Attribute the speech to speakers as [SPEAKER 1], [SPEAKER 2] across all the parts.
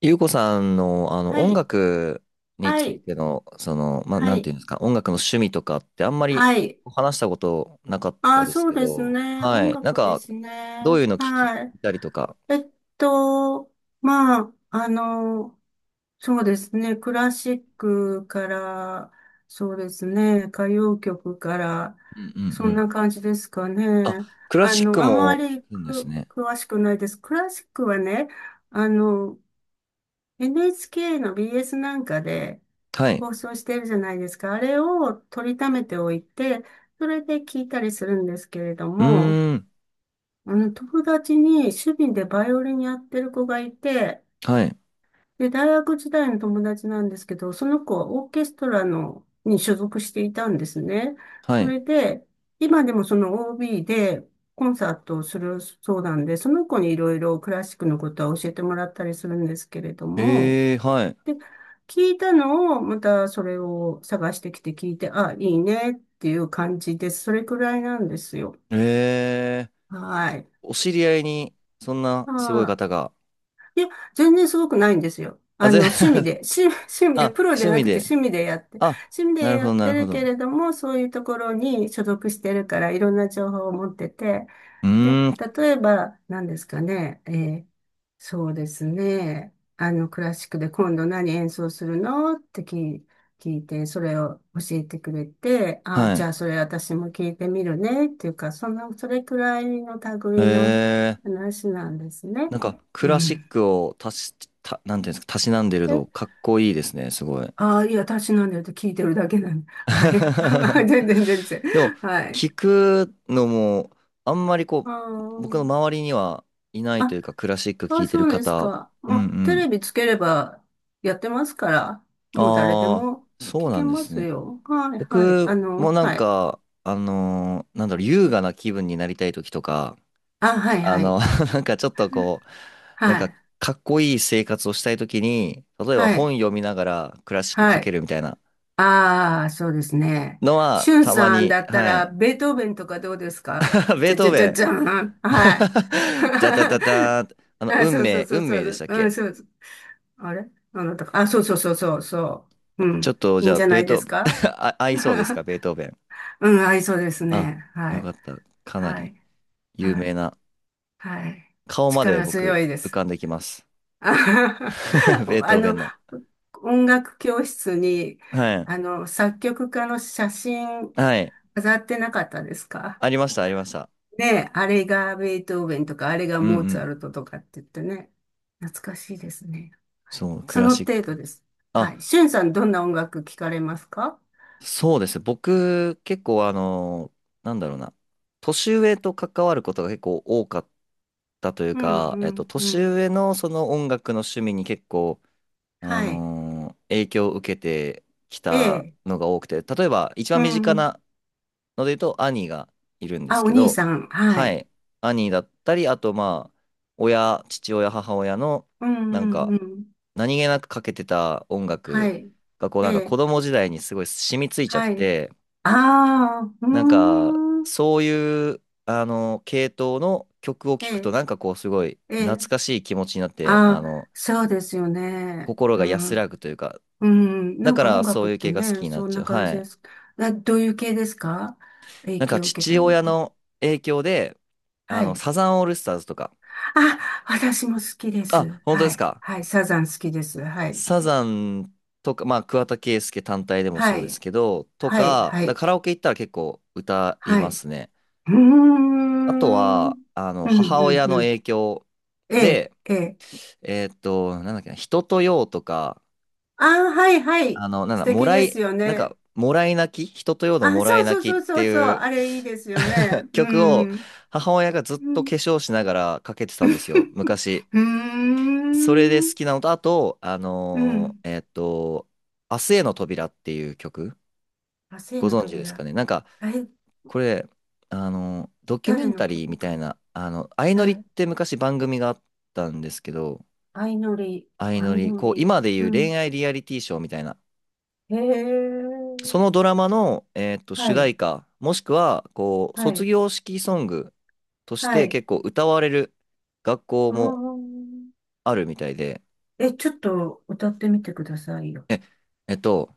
[SPEAKER 1] ゆうこさんの、
[SPEAKER 2] は
[SPEAKER 1] 音
[SPEAKER 2] い、
[SPEAKER 1] 楽に
[SPEAKER 2] は
[SPEAKER 1] つい
[SPEAKER 2] い、
[SPEAKER 1] ての、まあ、
[SPEAKER 2] は
[SPEAKER 1] なんて
[SPEAKER 2] い、
[SPEAKER 1] いうんですか、音楽の趣味とかってあんまり
[SPEAKER 2] はい。
[SPEAKER 1] 話したことなかった
[SPEAKER 2] あ、
[SPEAKER 1] です
[SPEAKER 2] そう
[SPEAKER 1] け
[SPEAKER 2] です
[SPEAKER 1] ど、
[SPEAKER 2] ね。
[SPEAKER 1] は
[SPEAKER 2] 音
[SPEAKER 1] い。なん
[SPEAKER 2] 楽で
[SPEAKER 1] か、
[SPEAKER 2] す
[SPEAKER 1] どう
[SPEAKER 2] ね。
[SPEAKER 1] いうの聞き
[SPEAKER 2] はい。
[SPEAKER 1] たりとか。
[SPEAKER 2] えっと、まあ、そうですね。クラシックから、そうですね。歌謡曲から、
[SPEAKER 1] うんうん
[SPEAKER 2] そ
[SPEAKER 1] う
[SPEAKER 2] ん
[SPEAKER 1] ん。
[SPEAKER 2] な感じですか
[SPEAKER 1] あ、
[SPEAKER 2] ね。
[SPEAKER 1] クラシック
[SPEAKER 2] あま
[SPEAKER 1] も
[SPEAKER 2] り
[SPEAKER 1] 聞くんです
[SPEAKER 2] く
[SPEAKER 1] ね。
[SPEAKER 2] 詳しくないです。クラシックはね、あの、NHK の BS なんかで、
[SPEAKER 1] はい。
[SPEAKER 2] 放送してるじゃないですか。あれを取りためておいて、それで聞いたりするんですけれど
[SPEAKER 1] う
[SPEAKER 2] も、
[SPEAKER 1] ーん。
[SPEAKER 2] 友達に趣味でバイオリンやってる子がいて、
[SPEAKER 1] はい。
[SPEAKER 2] で、大学時代の友達なんですけど、その子はオーケストラの、に所属していたんですね。
[SPEAKER 1] は
[SPEAKER 2] そ
[SPEAKER 1] い。
[SPEAKER 2] れで、今でもその OB でコンサートをするそうなんで、その子にいろいろクラシックのことは教えてもらったりするんですけれども、
[SPEAKER 1] えーはい。
[SPEAKER 2] で、聞いたのを、またそれを探してきて聞いて、あ、いいねっていう感じです。それくらいなんですよ。
[SPEAKER 1] えー
[SPEAKER 2] はい。
[SPEAKER 1] お知り合いに、そんなすごい
[SPEAKER 2] は
[SPEAKER 1] 方が。
[SPEAKER 2] い。いや、全然すごくないんですよ。
[SPEAKER 1] あ、
[SPEAKER 2] 趣味で、趣 味
[SPEAKER 1] あ、
[SPEAKER 2] で、プロじゃ
[SPEAKER 1] 趣
[SPEAKER 2] な
[SPEAKER 1] 味
[SPEAKER 2] くて
[SPEAKER 1] で。
[SPEAKER 2] 趣味でやって、
[SPEAKER 1] あ、
[SPEAKER 2] 趣味で
[SPEAKER 1] なる
[SPEAKER 2] や
[SPEAKER 1] ほど、
[SPEAKER 2] っ
[SPEAKER 1] な
[SPEAKER 2] て
[SPEAKER 1] るほ
[SPEAKER 2] るけ
[SPEAKER 1] ど。
[SPEAKER 2] れども、そういうところに所属してるから、いろんな情報を持ってて、
[SPEAKER 1] う
[SPEAKER 2] で、
[SPEAKER 1] ーん。
[SPEAKER 2] 例えば、何ですかね、ーそうですね、クラシックで今度何演奏するのって聞いて、それを教えてくれて、あ、
[SPEAKER 1] は
[SPEAKER 2] じ
[SPEAKER 1] い。
[SPEAKER 2] ゃあそれ私も聞いてみるね、っていうか、そんな、それくらいの
[SPEAKER 1] へ
[SPEAKER 2] 類の
[SPEAKER 1] え、
[SPEAKER 2] 話なんですね。
[SPEAKER 1] なんかク
[SPEAKER 2] う
[SPEAKER 1] ラシッ
[SPEAKER 2] ん。
[SPEAKER 1] クを足し、た、なんていうんですか、たしなんでる
[SPEAKER 2] で、
[SPEAKER 1] のかっこいいですね、すごい。
[SPEAKER 2] ああ、いや、私なんだよって聞いてるだけなんで。はい。全 然、全然。
[SPEAKER 1] でも、
[SPEAKER 2] はい。
[SPEAKER 1] 聞くのも、あんまり
[SPEAKER 2] あ
[SPEAKER 1] 僕の
[SPEAKER 2] ー
[SPEAKER 1] 周りにはいないというか、クラシック聞
[SPEAKER 2] あ、
[SPEAKER 1] いて
[SPEAKER 2] そ
[SPEAKER 1] る
[SPEAKER 2] うです
[SPEAKER 1] 方、
[SPEAKER 2] か。
[SPEAKER 1] う
[SPEAKER 2] ま
[SPEAKER 1] んう
[SPEAKER 2] あ、テレ
[SPEAKER 1] ん。
[SPEAKER 2] ビつければやってますから、もう誰で
[SPEAKER 1] あ
[SPEAKER 2] も
[SPEAKER 1] あ、そう
[SPEAKER 2] 聞
[SPEAKER 1] な
[SPEAKER 2] け
[SPEAKER 1] んで
[SPEAKER 2] ま
[SPEAKER 1] す
[SPEAKER 2] す
[SPEAKER 1] ね。
[SPEAKER 2] よ。はい、はい。
[SPEAKER 1] 僕もなん
[SPEAKER 2] はい。
[SPEAKER 1] か、なんだろう、優雅な気分になりたい時とか、
[SPEAKER 2] あ、はい、
[SPEAKER 1] あ
[SPEAKER 2] はい。
[SPEAKER 1] の、なんかちょっと
[SPEAKER 2] は
[SPEAKER 1] なんか
[SPEAKER 2] い、
[SPEAKER 1] かっこいい生活をしたいときに、例えば
[SPEAKER 2] は
[SPEAKER 1] 本
[SPEAKER 2] い、
[SPEAKER 1] 読みながらクラシック
[SPEAKER 2] は
[SPEAKER 1] かけ
[SPEAKER 2] い。
[SPEAKER 1] るみたいな
[SPEAKER 2] ああ、そうですね。
[SPEAKER 1] の
[SPEAKER 2] し
[SPEAKER 1] は
[SPEAKER 2] ゅん
[SPEAKER 1] たま
[SPEAKER 2] さん
[SPEAKER 1] に、
[SPEAKER 2] だった
[SPEAKER 1] は
[SPEAKER 2] ら、
[SPEAKER 1] い。
[SPEAKER 2] ベートーベンとかどうですか？
[SPEAKER 1] ベ
[SPEAKER 2] じ
[SPEAKER 1] ー
[SPEAKER 2] ゃ
[SPEAKER 1] ト
[SPEAKER 2] じゃ
[SPEAKER 1] ー
[SPEAKER 2] じ
[SPEAKER 1] ベ
[SPEAKER 2] ゃ
[SPEAKER 1] ン。
[SPEAKER 2] じゃん。はい。
[SPEAKER 1] じゃたたたーン。
[SPEAKER 2] あ、
[SPEAKER 1] 運
[SPEAKER 2] そうそう
[SPEAKER 1] 命、
[SPEAKER 2] そう
[SPEAKER 1] 運
[SPEAKER 2] そ
[SPEAKER 1] 命でし
[SPEAKER 2] う。
[SPEAKER 1] たっ
[SPEAKER 2] うん、
[SPEAKER 1] け？
[SPEAKER 2] そうです。あれあなたか。あ、そうそうそうそう、そう。う
[SPEAKER 1] ちょっ
[SPEAKER 2] ん。
[SPEAKER 1] と
[SPEAKER 2] い
[SPEAKER 1] じ
[SPEAKER 2] いん
[SPEAKER 1] ゃあ、
[SPEAKER 2] じゃな
[SPEAKER 1] ベー
[SPEAKER 2] いで
[SPEAKER 1] トー
[SPEAKER 2] す
[SPEAKER 1] ベン。
[SPEAKER 2] か？
[SPEAKER 1] あ、合いそうで すか、ベートーベン。
[SPEAKER 2] うん、合いそうです
[SPEAKER 1] あ、
[SPEAKER 2] ね。は
[SPEAKER 1] よか
[SPEAKER 2] い。
[SPEAKER 1] った。かな
[SPEAKER 2] は
[SPEAKER 1] り
[SPEAKER 2] い、
[SPEAKER 1] 有
[SPEAKER 2] は
[SPEAKER 1] 名
[SPEAKER 2] い、
[SPEAKER 1] な。
[SPEAKER 2] はい。
[SPEAKER 1] 顔まで
[SPEAKER 2] 力強
[SPEAKER 1] 僕
[SPEAKER 2] いで
[SPEAKER 1] 浮
[SPEAKER 2] す。
[SPEAKER 1] かんできます。ベー
[SPEAKER 2] あ
[SPEAKER 1] トーベ
[SPEAKER 2] の、
[SPEAKER 1] ンの。
[SPEAKER 2] 音楽教室に、
[SPEAKER 1] はい。
[SPEAKER 2] 作曲家の写真
[SPEAKER 1] はい。
[SPEAKER 2] 飾ってなかったですか？
[SPEAKER 1] ありました、ありました。
[SPEAKER 2] ねえ、あれがベートーベンとか、あれが
[SPEAKER 1] うんう
[SPEAKER 2] モーツァ
[SPEAKER 1] ん。
[SPEAKER 2] ルトとかって言ってね。懐かしいですね。
[SPEAKER 1] そう、ク
[SPEAKER 2] そ
[SPEAKER 1] ラ
[SPEAKER 2] の
[SPEAKER 1] シッ
[SPEAKER 2] 程度
[SPEAKER 1] ク。
[SPEAKER 2] です。
[SPEAKER 1] あ、
[SPEAKER 2] はい。しゅんさん、どんな音楽聞かれますか？
[SPEAKER 1] そうです。僕、結構なんだろうな。年上と関わることが結構多かったという
[SPEAKER 2] うん、う
[SPEAKER 1] か、
[SPEAKER 2] ん、う
[SPEAKER 1] 年
[SPEAKER 2] ん。
[SPEAKER 1] 上のその音楽の趣味に結構、
[SPEAKER 2] はい。
[SPEAKER 1] 影響を受けてき
[SPEAKER 2] え
[SPEAKER 1] た
[SPEAKER 2] え。
[SPEAKER 1] のが多くて、例えば一
[SPEAKER 2] う
[SPEAKER 1] 番身近
[SPEAKER 2] ん。
[SPEAKER 1] なので言うと兄がいるんで
[SPEAKER 2] あ、
[SPEAKER 1] す
[SPEAKER 2] お
[SPEAKER 1] け
[SPEAKER 2] 兄
[SPEAKER 1] ど、
[SPEAKER 2] さん。は
[SPEAKER 1] は
[SPEAKER 2] い。
[SPEAKER 1] い。兄だったり、あとまあ、親、父親、母親の、
[SPEAKER 2] うん、う
[SPEAKER 1] なんか、
[SPEAKER 2] ん、うん。
[SPEAKER 1] 何気なくかけてた音
[SPEAKER 2] は
[SPEAKER 1] 楽
[SPEAKER 2] い。
[SPEAKER 1] が、こう
[SPEAKER 2] え
[SPEAKER 1] なんか子
[SPEAKER 2] え。
[SPEAKER 1] 供時代にすごい染みついちゃっ
[SPEAKER 2] はい。
[SPEAKER 1] て、
[SPEAKER 2] ああ、うー
[SPEAKER 1] なんか、
[SPEAKER 2] ん。
[SPEAKER 1] そういう、系統の曲を
[SPEAKER 2] え
[SPEAKER 1] 聴くと、
[SPEAKER 2] え。
[SPEAKER 1] なんかすごい
[SPEAKER 2] え
[SPEAKER 1] 懐
[SPEAKER 2] え。
[SPEAKER 1] かしい気持ちになって、
[SPEAKER 2] ああ、そうですよね。
[SPEAKER 1] 心
[SPEAKER 2] う
[SPEAKER 1] が安ら
[SPEAKER 2] ん。
[SPEAKER 1] ぐというか、
[SPEAKER 2] うん。な
[SPEAKER 1] だ
[SPEAKER 2] ん
[SPEAKER 1] か
[SPEAKER 2] か音
[SPEAKER 1] らそ
[SPEAKER 2] 楽っ
[SPEAKER 1] ういう
[SPEAKER 2] て
[SPEAKER 1] 系が好き
[SPEAKER 2] ね、
[SPEAKER 1] になっ
[SPEAKER 2] そん
[SPEAKER 1] ちゃ
[SPEAKER 2] な
[SPEAKER 1] う。
[SPEAKER 2] 感
[SPEAKER 1] は
[SPEAKER 2] じで
[SPEAKER 1] い。
[SPEAKER 2] す。などういう系ですか？影
[SPEAKER 1] なんか、
[SPEAKER 2] 響を受けた
[SPEAKER 1] 父
[SPEAKER 2] のっ
[SPEAKER 1] 親
[SPEAKER 2] て。
[SPEAKER 1] の影響で、
[SPEAKER 2] はい。
[SPEAKER 1] サザンオールスターズとか、
[SPEAKER 2] あ、私も好きで
[SPEAKER 1] あ、
[SPEAKER 2] す。
[SPEAKER 1] 本当で
[SPEAKER 2] は
[SPEAKER 1] す
[SPEAKER 2] い。
[SPEAKER 1] か。
[SPEAKER 2] はい。サザン好きです。はい。
[SPEAKER 1] サザンとか、まあ、桑田佳祐単体でもそ
[SPEAKER 2] は
[SPEAKER 1] うです
[SPEAKER 2] い。
[SPEAKER 1] けど、と
[SPEAKER 2] はい。
[SPEAKER 1] か、
[SPEAKER 2] は
[SPEAKER 1] だ
[SPEAKER 2] い。
[SPEAKER 1] からカラオケ行ったら結構歌い
[SPEAKER 2] は
[SPEAKER 1] ま
[SPEAKER 2] い。
[SPEAKER 1] すね。
[SPEAKER 2] うー
[SPEAKER 1] あと
[SPEAKER 2] ん。うん、
[SPEAKER 1] は、
[SPEAKER 2] う
[SPEAKER 1] 母親
[SPEAKER 2] ん、
[SPEAKER 1] の
[SPEAKER 2] うん。
[SPEAKER 1] 影響
[SPEAKER 2] ええ、
[SPEAKER 1] で、
[SPEAKER 2] ええ。
[SPEAKER 1] なんだっけな、人とようとか、
[SPEAKER 2] ああ、はい、はい。
[SPEAKER 1] なん
[SPEAKER 2] 素
[SPEAKER 1] だ、も
[SPEAKER 2] 敵
[SPEAKER 1] ら
[SPEAKER 2] で
[SPEAKER 1] い、
[SPEAKER 2] すよ
[SPEAKER 1] なん
[SPEAKER 2] ね。
[SPEAKER 1] か、もらい泣き人とようの
[SPEAKER 2] あ、
[SPEAKER 1] もら
[SPEAKER 2] そ
[SPEAKER 1] い
[SPEAKER 2] うそう
[SPEAKER 1] 泣
[SPEAKER 2] そ
[SPEAKER 1] き
[SPEAKER 2] う
[SPEAKER 1] っ
[SPEAKER 2] そ
[SPEAKER 1] て
[SPEAKER 2] うそう、
[SPEAKER 1] いう
[SPEAKER 2] あれいいですよね。う
[SPEAKER 1] 曲を
[SPEAKER 2] ん。
[SPEAKER 1] 母親がずっ
[SPEAKER 2] う
[SPEAKER 1] と化
[SPEAKER 2] ん。
[SPEAKER 1] 粧しながらかけて たんですよ、昔。
[SPEAKER 2] うー
[SPEAKER 1] それで好
[SPEAKER 2] ん。
[SPEAKER 1] きなのと、あと、
[SPEAKER 2] うん。
[SPEAKER 1] 明日への扉っていう曲、
[SPEAKER 2] あ、生
[SPEAKER 1] ご
[SPEAKER 2] の
[SPEAKER 1] 存知ですか
[SPEAKER 2] 扉。
[SPEAKER 1] ね。なんか、
[SPEAKER 2] え、
[SPEAKER 1] これ、ドキュメ
[SPEAKER 2] 誰
[SPEAKER 1] ン
[SPEAKER 2] の
[SPEAKER 1] タリー
[SPEAKER 2] 曲
[SPEAKER 1] み
[SPEAKER 2] か
[SPEAKER 1] たい
[SPEAKER 2] な。
[SPEAKER 1] な、相乗
[SPEAKER 2] は
[SPEAKER 1] りっ
[SPEAKER 2] い。
[SPEAKER 1] て昔番組があったんですけど、
[SPEAKER 2] 相乗り、
[SPEAKER 1] 相乗
[SPEAKER 2] 相
[SPEAKER 1] り、
[SPEAKER 2] 乗り。
[SPEAKER 1] 今でい
[SPEAKER 2] う
[SPEAKER 1] う
[SPEAKER 2] ん。
[SPEAKER 1] 恋愛リアリティショーみたいな、
[SPEAKER 2] へ
[SPEAKER 1] そ
[SPEAKER 2] え。
[SPEAKER 1] のドラマの、
[SPEAKER 2] は
[SPEAKER 1] 主題
[SPEAKER 2] い。
[SPEAKER 1] 歌、もしくは、
[SPEAKER 2] は
[SPEAKER 1] 卒
[SPEAKER 2] い。
[SPEAKER 1] 業式ソングとし
[SPEAKER 2] は
[SPEAKER 1] て
[SPEAKER 2] い。
[SPEAKER 1] 結構歌われる学校
[SPEAKER 2] う
[SPEAKER 1] も
[SPEAKER 2] ーん。
[SPEAKER 1] あるみたいで、
[SPEAKER 2] え、ちょっと歌ってみてくださいよ。
[SPEAKER 1] え、えっと、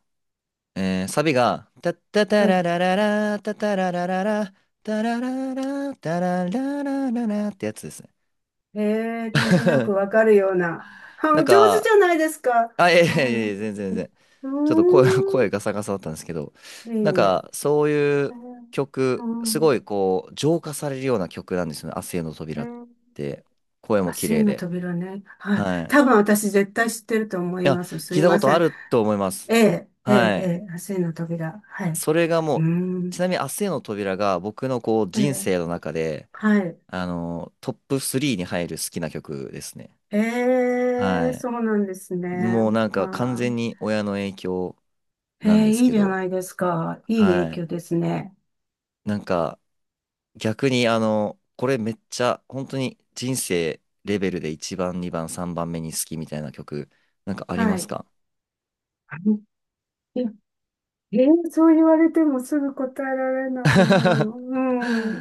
[SPEAKER 1] サビが、タッタタ
[SPEAKER 2] え、
[SPEAKER 1] ララララ、タタララララ、タラララ、タラララララってやつですね。
[SPEAKER 2] へえ、なんとなくわ かるような。あ、
[SPEAKER 1] なん
[SPEAKER 2] お上手
[SPEAKER 1] か、
[SPEAKER 2] じゃないですか。
[SPEAKER 1] あ、いやい
[SPEAKER 2] う
[SPEAKER 1] やいや
[SPEAKER 2] ん。
[SPEAKER 1] いや、全然全
[SPEAKER 2] う
[SPEAKER 1] 然。
[SPEAKER 2] ー
[SPEAKER 1] ちょっと声、声
[SPEAKER 2] ん。
[SPEAKER 1] ガサガサだったんですけど、
[SPEAKER 2] いえ
[SPEAKER 1] なん
[SPEAKER 2] いえ。
[SPEAKER 1] かそういう
[SPEAKER 2] う
[SPEAKER 1] 曲、す
[SPEAKER 2] ん。
[SPEAKER 1] ごい浄化されるような曲なんですよね。明日への
[SPEAKER 2] う
[SPEAKER 1] 扉っ
[SPEAKER 2] ん。
[SPEAKER 1] て。声も
[SPEAKER 2] あ、
[SPEAKER 1] 綺麗
[SPEAKER 2] 真の
[SPEAKER 1] で。
[SPEAKER 2] 扉ね。はい。
[SPEAKER 1] はい。い
[SPEAKER 2] 多分私絶対知ってると思い
[SPEAKER 1] や、
[SPEAKER 2] ます。す
[SPEAKER 1] 聞い
[SPEAKER 2] い
[SPEAKER 1] たこ
[SPEAKER 2] ま
[SPEAKER 1] と
[SPEAKER 2] せ
[SPEAKER 1] あ
[SPEAKER 2] ん。
[SPEAKER 1] ると思います。
[SPEAKER 2] ええ、ええ、
[SPEAKER 1] はい。
[SPEAKER 2] ええ、真の扉。はい。
[SPEAKER 1] それがも
[SPEAKER 2] う
[SPEAKER 1] う、ち
[SPEAKER 2] ん。
[SPEAKER 1] なみに明日への扉が僕の
[SPEAKER 2] え
[SPEAKER 1] 人
[SPEAKER 2] え、
[SPEAKER 1] 生の中で、
[SPEAKER 2] はい。
[SPEAKER 1] トップ3に入る好きな曲ですね。
[SPEAKER 2] え
[SPEAKER 1] は
[SPEAKER 2] え、
[SPEAKER 1] い。
[SPEAKER 2] そうなんですね。
[SPEAKER 1] もうなん
[SPEAKER 2] あ
[SPEAKER 1] か完
[SPEAKER 2] ー、
[SPEAKER 1] 全に親の影響
[SPEAKER 2] え
[SPEAKER 1] なん
[SPEAKER 2] え、
[SPEAKER 1] です
[SPEAKER 2] いい
[SPEAKER 1] け
[SPEAKER 2] じゃ
[SPEAKER 1] ど、
[SPEAKER 2] ないですか。いい
[SPEAKER 1] は
[SPEAKER 2] 影
[SPEAKER 1] い。
[SPEAKER 2] 響ですね。
[SPEAKER 1] なんか、逆にこれめっちゃ本当に人生レベルで一番、二番、三番目に好きみたいな曲、なんかあり
[SPEAKER 2] は
[SPEAKER 1] ます
[SPEAKER 2] い。
[SPEAKER 1] か？
[SPEAKER 2] いや。ええ、そう言われてもすぐ答えられないな。う
[SPEAKER 1] 確
[SPEAKER 2] ん。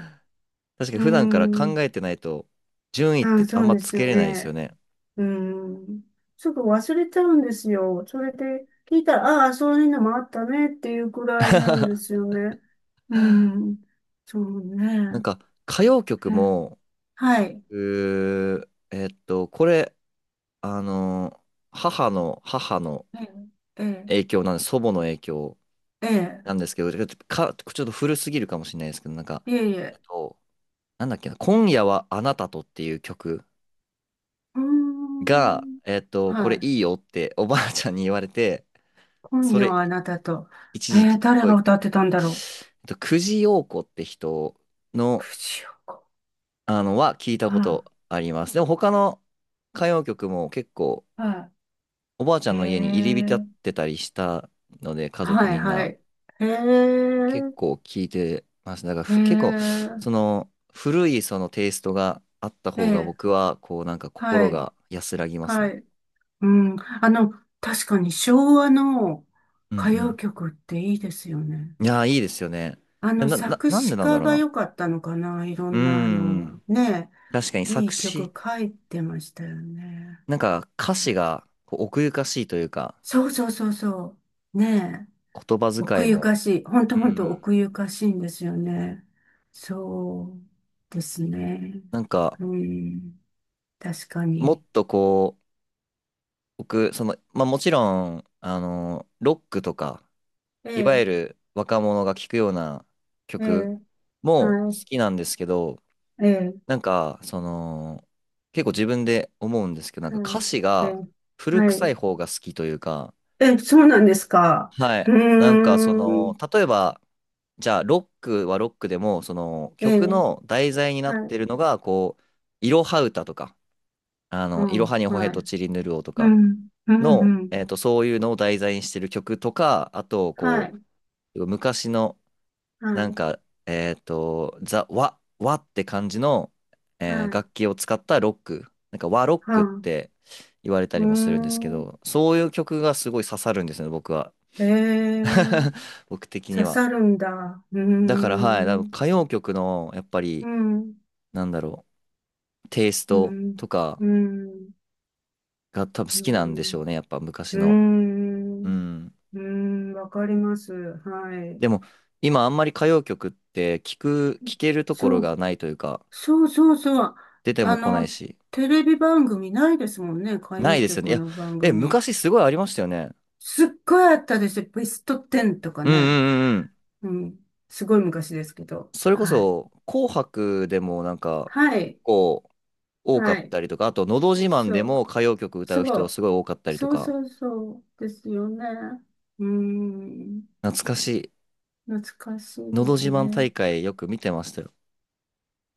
[SPEAKER 1] かに
[SPEAKER 2] う
[SPEAKER 1] 普段から考
[SPEAKER 2] ん。
[SPEAKER 1] えてないと順位っ
[SPEAKER 2] あ、
[SPEAKER 1] てあ
[SPEAKER 2] そ
[SPEAKER 1] ん
[SPEAKER 2] う
[SPEAKER 1] ま
[SPEAKER 2] で
[SPEAKER 1] つ
[SPEAKER 2] す
[SPEAKER 1] けれないですよ
[SPEAKER 2] ね。
[SPEAKER 1] ね。
[SPEAKER 2] うん。すぐ忘れちゃうんですよ。それで聞いたら、ああ、そういうのもあったねっていうくらいなんです よね。うん。そう
[SPEAKER 1] なん
[SPEAKER 2] ね。
[SPEAKER 1] か歌謡曲
[SPEAKER 2] え、
[SPEAKER 1] も、
[SPEAKER 2] はい。
[SPEAKER 1] うーえっと、これ、あの、母の
[SPEAKER 2] え、え、
[SPEAKER 1] 影響なんです、祖母の影響
[SPEAKER 2] ええ、
[SPEAKER 1] なんですけど、ちょっと古すぎるかもしれないですけど、なんか、
[SPEAKER 2] ええ、いえい
[SPEAKER 1] あ
[SPEAKER 2] え。
[SPEAKER 1] となんだっけな、今夜はあなたとっていう曲
[SPEAKER 2] うー
[SPEAKER 1] が、
[SPEAKER 2] ん。
[SPEAKER 1] こ
[SPEAKER 2] は
[SPEAKER 1] れ
[SPEAKER 2] い。
[SPEAKER 1] いいよっておばあちゃんに言われて、
[SPEAKER 2] 今
[SPEAKER 1] そ
[SPEAKER 2] 夜
[SPEAKER 1] れ
[SPEAKER 2] はあなたと。
[SPEAKER 1] 一時期す
[SPEAKER 2] 誰
[SPEAKER 1] ご
[SPEAKER 2] が
[SPEAKER 1] い、
[SPEAKER 2] 歌ってたんだろ
[SPEAKER 1] 久慈陽子って人
[SPEAKER 2] う。
[SPEAKER 1] の、
[SPEAKER 2] 藤岡。
[SPEAKER 1] は聞いた
[SPEAKER 2] は
[SPEAKER 1] ことあります。でも他の歌謡曲も結構
[SPEAKER 2] い。は
[SPEAKER 1] おばあちゃ
[SPEAKER 2] い。
[SPEAKER 1] ん
[SPEAKER 2] へ
[SPEAKER 1] の家に入り浸っ
[SPEAKER 2] え。
[SPEAKER 1] てたりしたので、家族
[SPEAKER 2] は
[SPEAKER 1] み
[SPEAKER 2] い、
[SPEAKER 1] ん
[SPEAKER 2] は
[SPEAKER 1] な
[SPEAKER 2] い。へえ。
[SPEAKER 1] 結構聞いてます。だから
[SPEAKER 2] へ
[SPEAKER 1] 結構、そ
[SPEAKER 2] え。
[SPEAKER 1] の古いそのテイストがあった
[SPEAKER 2] え
[SPEAKER 1] 方が
[SPEAKER 2] え。
[SPEAKER 1] 僕は、なんか
[SPEAKER 2] は
[SPEAKER 1] 心
[SPEAKER 2] い。
[SPEAKER 1] が安らぎます
[SPEAKER 2] は
[SPEAKER 1] ね。
[SPEAKER 2] い。うん。確かに昭和の
[SPEAKER 1] うんう
[SPEAKER 2] 歌謡
[SPEAKER 1] ん。
[SPEAKER 2] 曲っていいですよね。
[SPEAKER 1] いやー、いいですよね。
[SPEAKER 2] 作
[SPEAKER 1] なんで
[SPEAKER 2] 詞
[SPEAKER 1] なんだ
[SPEAKER 2] 家
[SPEAKER 1] ろう
[SPEAKER 2] が
[SPEAKER 1] な。
[SPEAKER 2] 良かったのかな。いろ
[SPEAKER 1] うー
[SPEAKER 2] んな、
[SPEAKER 1] ん。
[SPEAKER 2] ね、
[SPEAKER 1] 確かに
[SPEAKER 2] いい曲書いてましたよね。
[SPEAKER 1] なんか歌詞が奥ゆかしいというか、
[SPEAKER 2] そうそうそうそう。ねえ。
[SPEAKER 1] 言葉遣
[SPEAKER 2] 奥
[SPEAKER 1] い
[SPEAKER 2] ゆ
[SPEAKER 1] も、
[SPEAKER 2] かしい。ほんと
[SPEAKER 1] うんう
[SPEAKER 2] ほんと
[SPEAKER 1] ん。
[SPEAKER 2] 奥ゆかしいんですよね。そうですね。
[SPEAKER 1] なんか、
[SPEAKER 2] うん。確か
[SPEAKER 1] もっ
[SPEAKER 2] に。
[SPEAKER 1] と僕、まあもちろん、ロックとか、
[SPEAKER 2] え
[SPEAKER 1] いわ
[SPEAKER 2] え、
[SPEAKER 1] ゆる若者が聴くような
[SPEAKER 2] え
[SPEAKER 1] 曲
[SPEAKER 2] え、
[SPEAKER 1] も
[SPEAKER 2] は
[SPEAKER 1] 好
[SPEAKER 2] い、
[SPEAKER 1] きなんですけど、
[SPEAKER 2] ええ、
[SPEAKER 1] なんか、結構自分で思うんですけど、なんか
[SPEAKER 2] は
[SPEAKER 1] 歌
[SPEAKER 2] い、
[SPEAKER 1] 詞
[SPEAKER 2] え
[SPEAKER 1] が
[SPEAKER 2] え、
[SPEAKER 1] 古
[SPEAKER 2] は
[SPEAKER 1] 臭い
[SPEAKER 2] い。
[SPEAKER 1] 方が好きというか、
[SPEAKER 2] え、そうなんですか？
[SPEAKER 1] は
[SPEAKER 2] う
[SPEAKER 1] い。なんかそ
[SPEAKER 2] ー
[SPEAKER 1] の、
[SPEAKER 2] ん。
[SPEAKER 1] 例えば、じゃあロックはロックでも、その
[SPEAKER 2] え
[SPEAKER 1] 曲
[SPEAKER 2] え、
[SPEAKER 1] の題材にな
[SPEAKER 2] は
[SPEAKER 1] って
[SPEAKER 2] い。
[SPEAKER 1] るのが、いろは歌とか、
[SPEAKER 2] あ
[SPEAKER 1] いろはに
[SPEAKER 2] あ、
[SPEAKER 1] ほへ
[SPEAKER 2] は
[SPEAKER 1] と
[SPEAKER 2] い。
[SPEAKER 1] ちりぬるおと
[SPEAKER 2] う
[SPEAKER 1] か
[SPEAKER 2] ん、うん、
[SPEAKER 1] の、
[SPEAKER 2] うん。
[SPEAKER 1] そういうのを題材にしてる曲とか、あと、
[SPEAKER 2] はい、
[SPEAKER 1] 昔の、
[SPEAKER 2] は
[SPEAKER 1] なん
[SPEAKER 2] い、
[SPEAKER 1] か、ワって感じの、
[SPEAKER 2] はい、
[SPEAKER 1] 楽器を使ったロック、なんか和ロッ
[SPEAKER 2] は
[SPEAKER 1] クっ
[SPEAKER 2] い。
[SPEAKER 1] て言われた
[SPEAKER 2] うー
[SPEAKER 1] りもするんですけ
[SPEAKER 2] ん。
[SPEAKER 1] ど、そういう曲がすごい刺さるんですね、僕は。
[SPEAKER 2] ええ、
[SPEAKER 1] 僕的に
[SPEAKER 2] 刺
[SPEAKER 1] は。
[SPEAKER 2] さるんだ。うー
[SPEAKER 1] だからはい、多分
[SPEAKER 2] ん、
[SPEAKER 1] 歌謡曲のやっぱ
[SPEAKER 2] う
[SPEAKER 1] り
[SPEAKER 2] ん、
[SPEAKER 1] なんだろう、テイス
[SPEAKER 2] う
[SPEAKER 1] ト
[SPEAKER 2] ん、
[SPEAKER 1] とか
[SPEAKER 2] うん、
[SPEAKER 1] が多分好
[SPEAKER 2] う
[SPEAKER 1] きなんでし
[SPEAKER 2] ん、
[SPEAKER 1] ょうね、やっぱ昔
[SPEAKER 2] う
[SPEAKER 1] の。う
[SPEAKER 2] ん、
[SPEAKER 1] ん。
[SPEAKER 2] うん、わかります。はい。
[SPEAKER 1] でも今あんまり歌謡曲って聞けるとこ
[SPEAKER 2] そ
[SPEAKER 1] ろ
[SPEAKER 2] う、
[SPEAKER 1] がないというか、
[SPEAKER 2] そうそうそう。
[SPEAKER 1] 出て
[SPEAKER 2] あ
[SPEAKER 1] も来ない
[SPEAKER 2] の、
[SPEAKER 1] し、
[SPEAKER 2] テレビ番組ないですもんね。歌
[SPEAKER 1] な
[SPEAKER 2] 謡
[SPEAKER 1] いですよね。
[SPEAKER 2] 曲
[SPEAKER 1] いや、
[SPEAKER 2] の番組。
[SPEAKER 1] 昔すごいありましたよね。
[SPEAKER 2] すっごいあったですよ。ベスト10とか
[SPEAKER 1] うんう
[SPEAKER 2] ね。
[SPEAKER 1] んうんうん。
[SPEAKER 2] うん。すごい昔ですけど。
[SPEAKER 1] それこ
[SPEAKER 2] はい。
[SPEAKER 1] そ紅白でもなんか
[SPEAKER 2] は
[SPEAKER 1] 結
[SPEAKER 2] い。
[SPEAKER 1] 構多か
[SPEAKER 2] は
[SPEAKER 1] っ
[SPEAKER 2] い。
[SPEAKER 1] たりとか、あとのど自慢
[SPEAKER 2] そ
[SPEAKER 1] でも
[SPEAKER 2] う。
[SPEAKER 1] 歌謡曲歌う
[SPEAKER 2] そ
[SPEAKER 1] 人
[SPEAKER 2] う。
[SPEAKER 1] すごい多かったりと
[SPEAKER 2] そう
[SPEAKER 1] か、
[SPEAKER 2] そうそう。ですよね。うーん。
[SPEAKER 1] 懐かしい。
[SPEAKER 2] 懐かしい
[SPEAKER 1] の
[SPEAKER 2] で
[SPEAKER 1] ど
[SPEAKER 2] す
[SPEAKER 1] 自慢
[SPEAKER 2] ね。
[SPEAKER 1] 大会よく見てましたよ。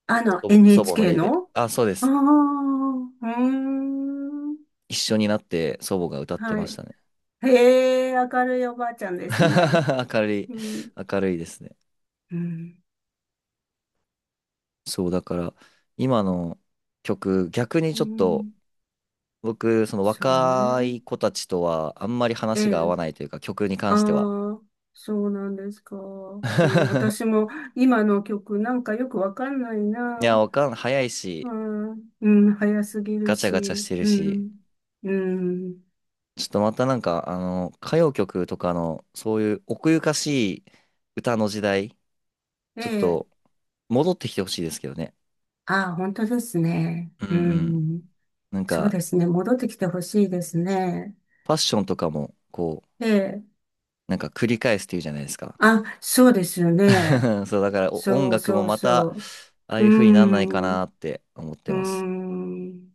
[SPEAKER 1] 祖母の
[SPEAKER 2] NHK
[SPEAKER 1] 家で。
[SPEAKER 2] の
[SPEAKER 1] あ、そうで
[SPEAKER 2] ああ
[SPEAKER 1] す。
[SPEAKER 2] ー、うーん。
[SPEAKER 1] 一緒になって祖母が歌って
[SPEAKER 2] は
[SPEAKER 1] まし
[SPEAKER 2] い。
[SPEAKER 1] たね。
[SPEAKER 2] へえ、明るいおばあちゃんですね。
[SPEAKER 1] 明るい、
[SPEAKER 2] うん。
[SPEAKER 1] 明るいですね。
[SPEAKER 2] うん。
[SPEAKER 1] そう、だから、今の曲、逆に
[SPEAKER 2] う
[SPEAKER 1] ちょっと、
[SPEAKER 2] ん。
[SPEAKER 1] 僕、その
[SPEAKER 2] そう
[SPEAKER 1] 若
[SPEAKER 2] ね。
[SPEAKER 1] い子たちとは、あんまり
[SPEAKER 2] え
[SPEAKER 1] 話が合わ
[SPEAKER 2] え。
[SPEAKER 1] ないというか、曲に
[SPEAKER 2] あ
[SPEAKER 1] 関しては。
[SPEAKER 2] あ、そうなんですか？うん、私 も今の曲なんかよくわかんない
[SPEAKER 1] いや、
[SPEAKER 2] な。
[SPEAKER 1] わかん、早い
[SPEAKER 2] う
[SPEAKER 1] し、
[SPEAKER 2] ん、うん、早すぎる
[SPEAKER 1] ガチャガチャし
[SPEAKER 2] し。
[SPEAKER 1] てる
[SPEAKER 2] う
[SPEAKER 1] し、
[SPEAKER 2] ん、うん。
[SPEAKER 1] ちょっとまたなんか、歌謡曲とかの、そういう奥ゆかしい歌の時代、
[SPEAKER 2] え
[SPEAKER 1] ちょっ
[SPEAKER 2] え、
[SPEAKER 1] と、戻ってきてほしいですけどね。
[SPEAKER 2] ああ、本当ですね。
[SPEAKER 1] うんう
[SPEAKER 2] う
[SPEAKER 1] ん。
[SPEAKER 2] ん、
[SPEAKER 1] なん
[SPEAKER 2] そう
[SPEAKER 1] か、
[SPEAKER 2] ですね。戻ってきてほしいですね。
[SPEAKER 1] ファッションとかも、
[SPEAKER 2] ええ、
[SPEAKER 1] なんか繰り返すっていうじゃないですか。
[SPEAKER 2] あ、そうですよね。
[SPEAKER 1] そう、だからお音
[SPEAKER 2] そう
[SPEAKER 1] 楽も
[SPEAKER 2] そう
[SPEAKER 1] ま
[SPEAKER 2] そ
[SPEAKER 1] た、
[SPEAKER 2] う。
[SPEAKER 1] ああ
[SPEAKER 2] う
[SPEAKER 1] いう風になんないかな
[SPEAKER 2] ん、
[SPEAKER 1] って思っ
[SPEAKER 2] う
[SPEAKER 1] てます。
[SPEAKER 2] ん。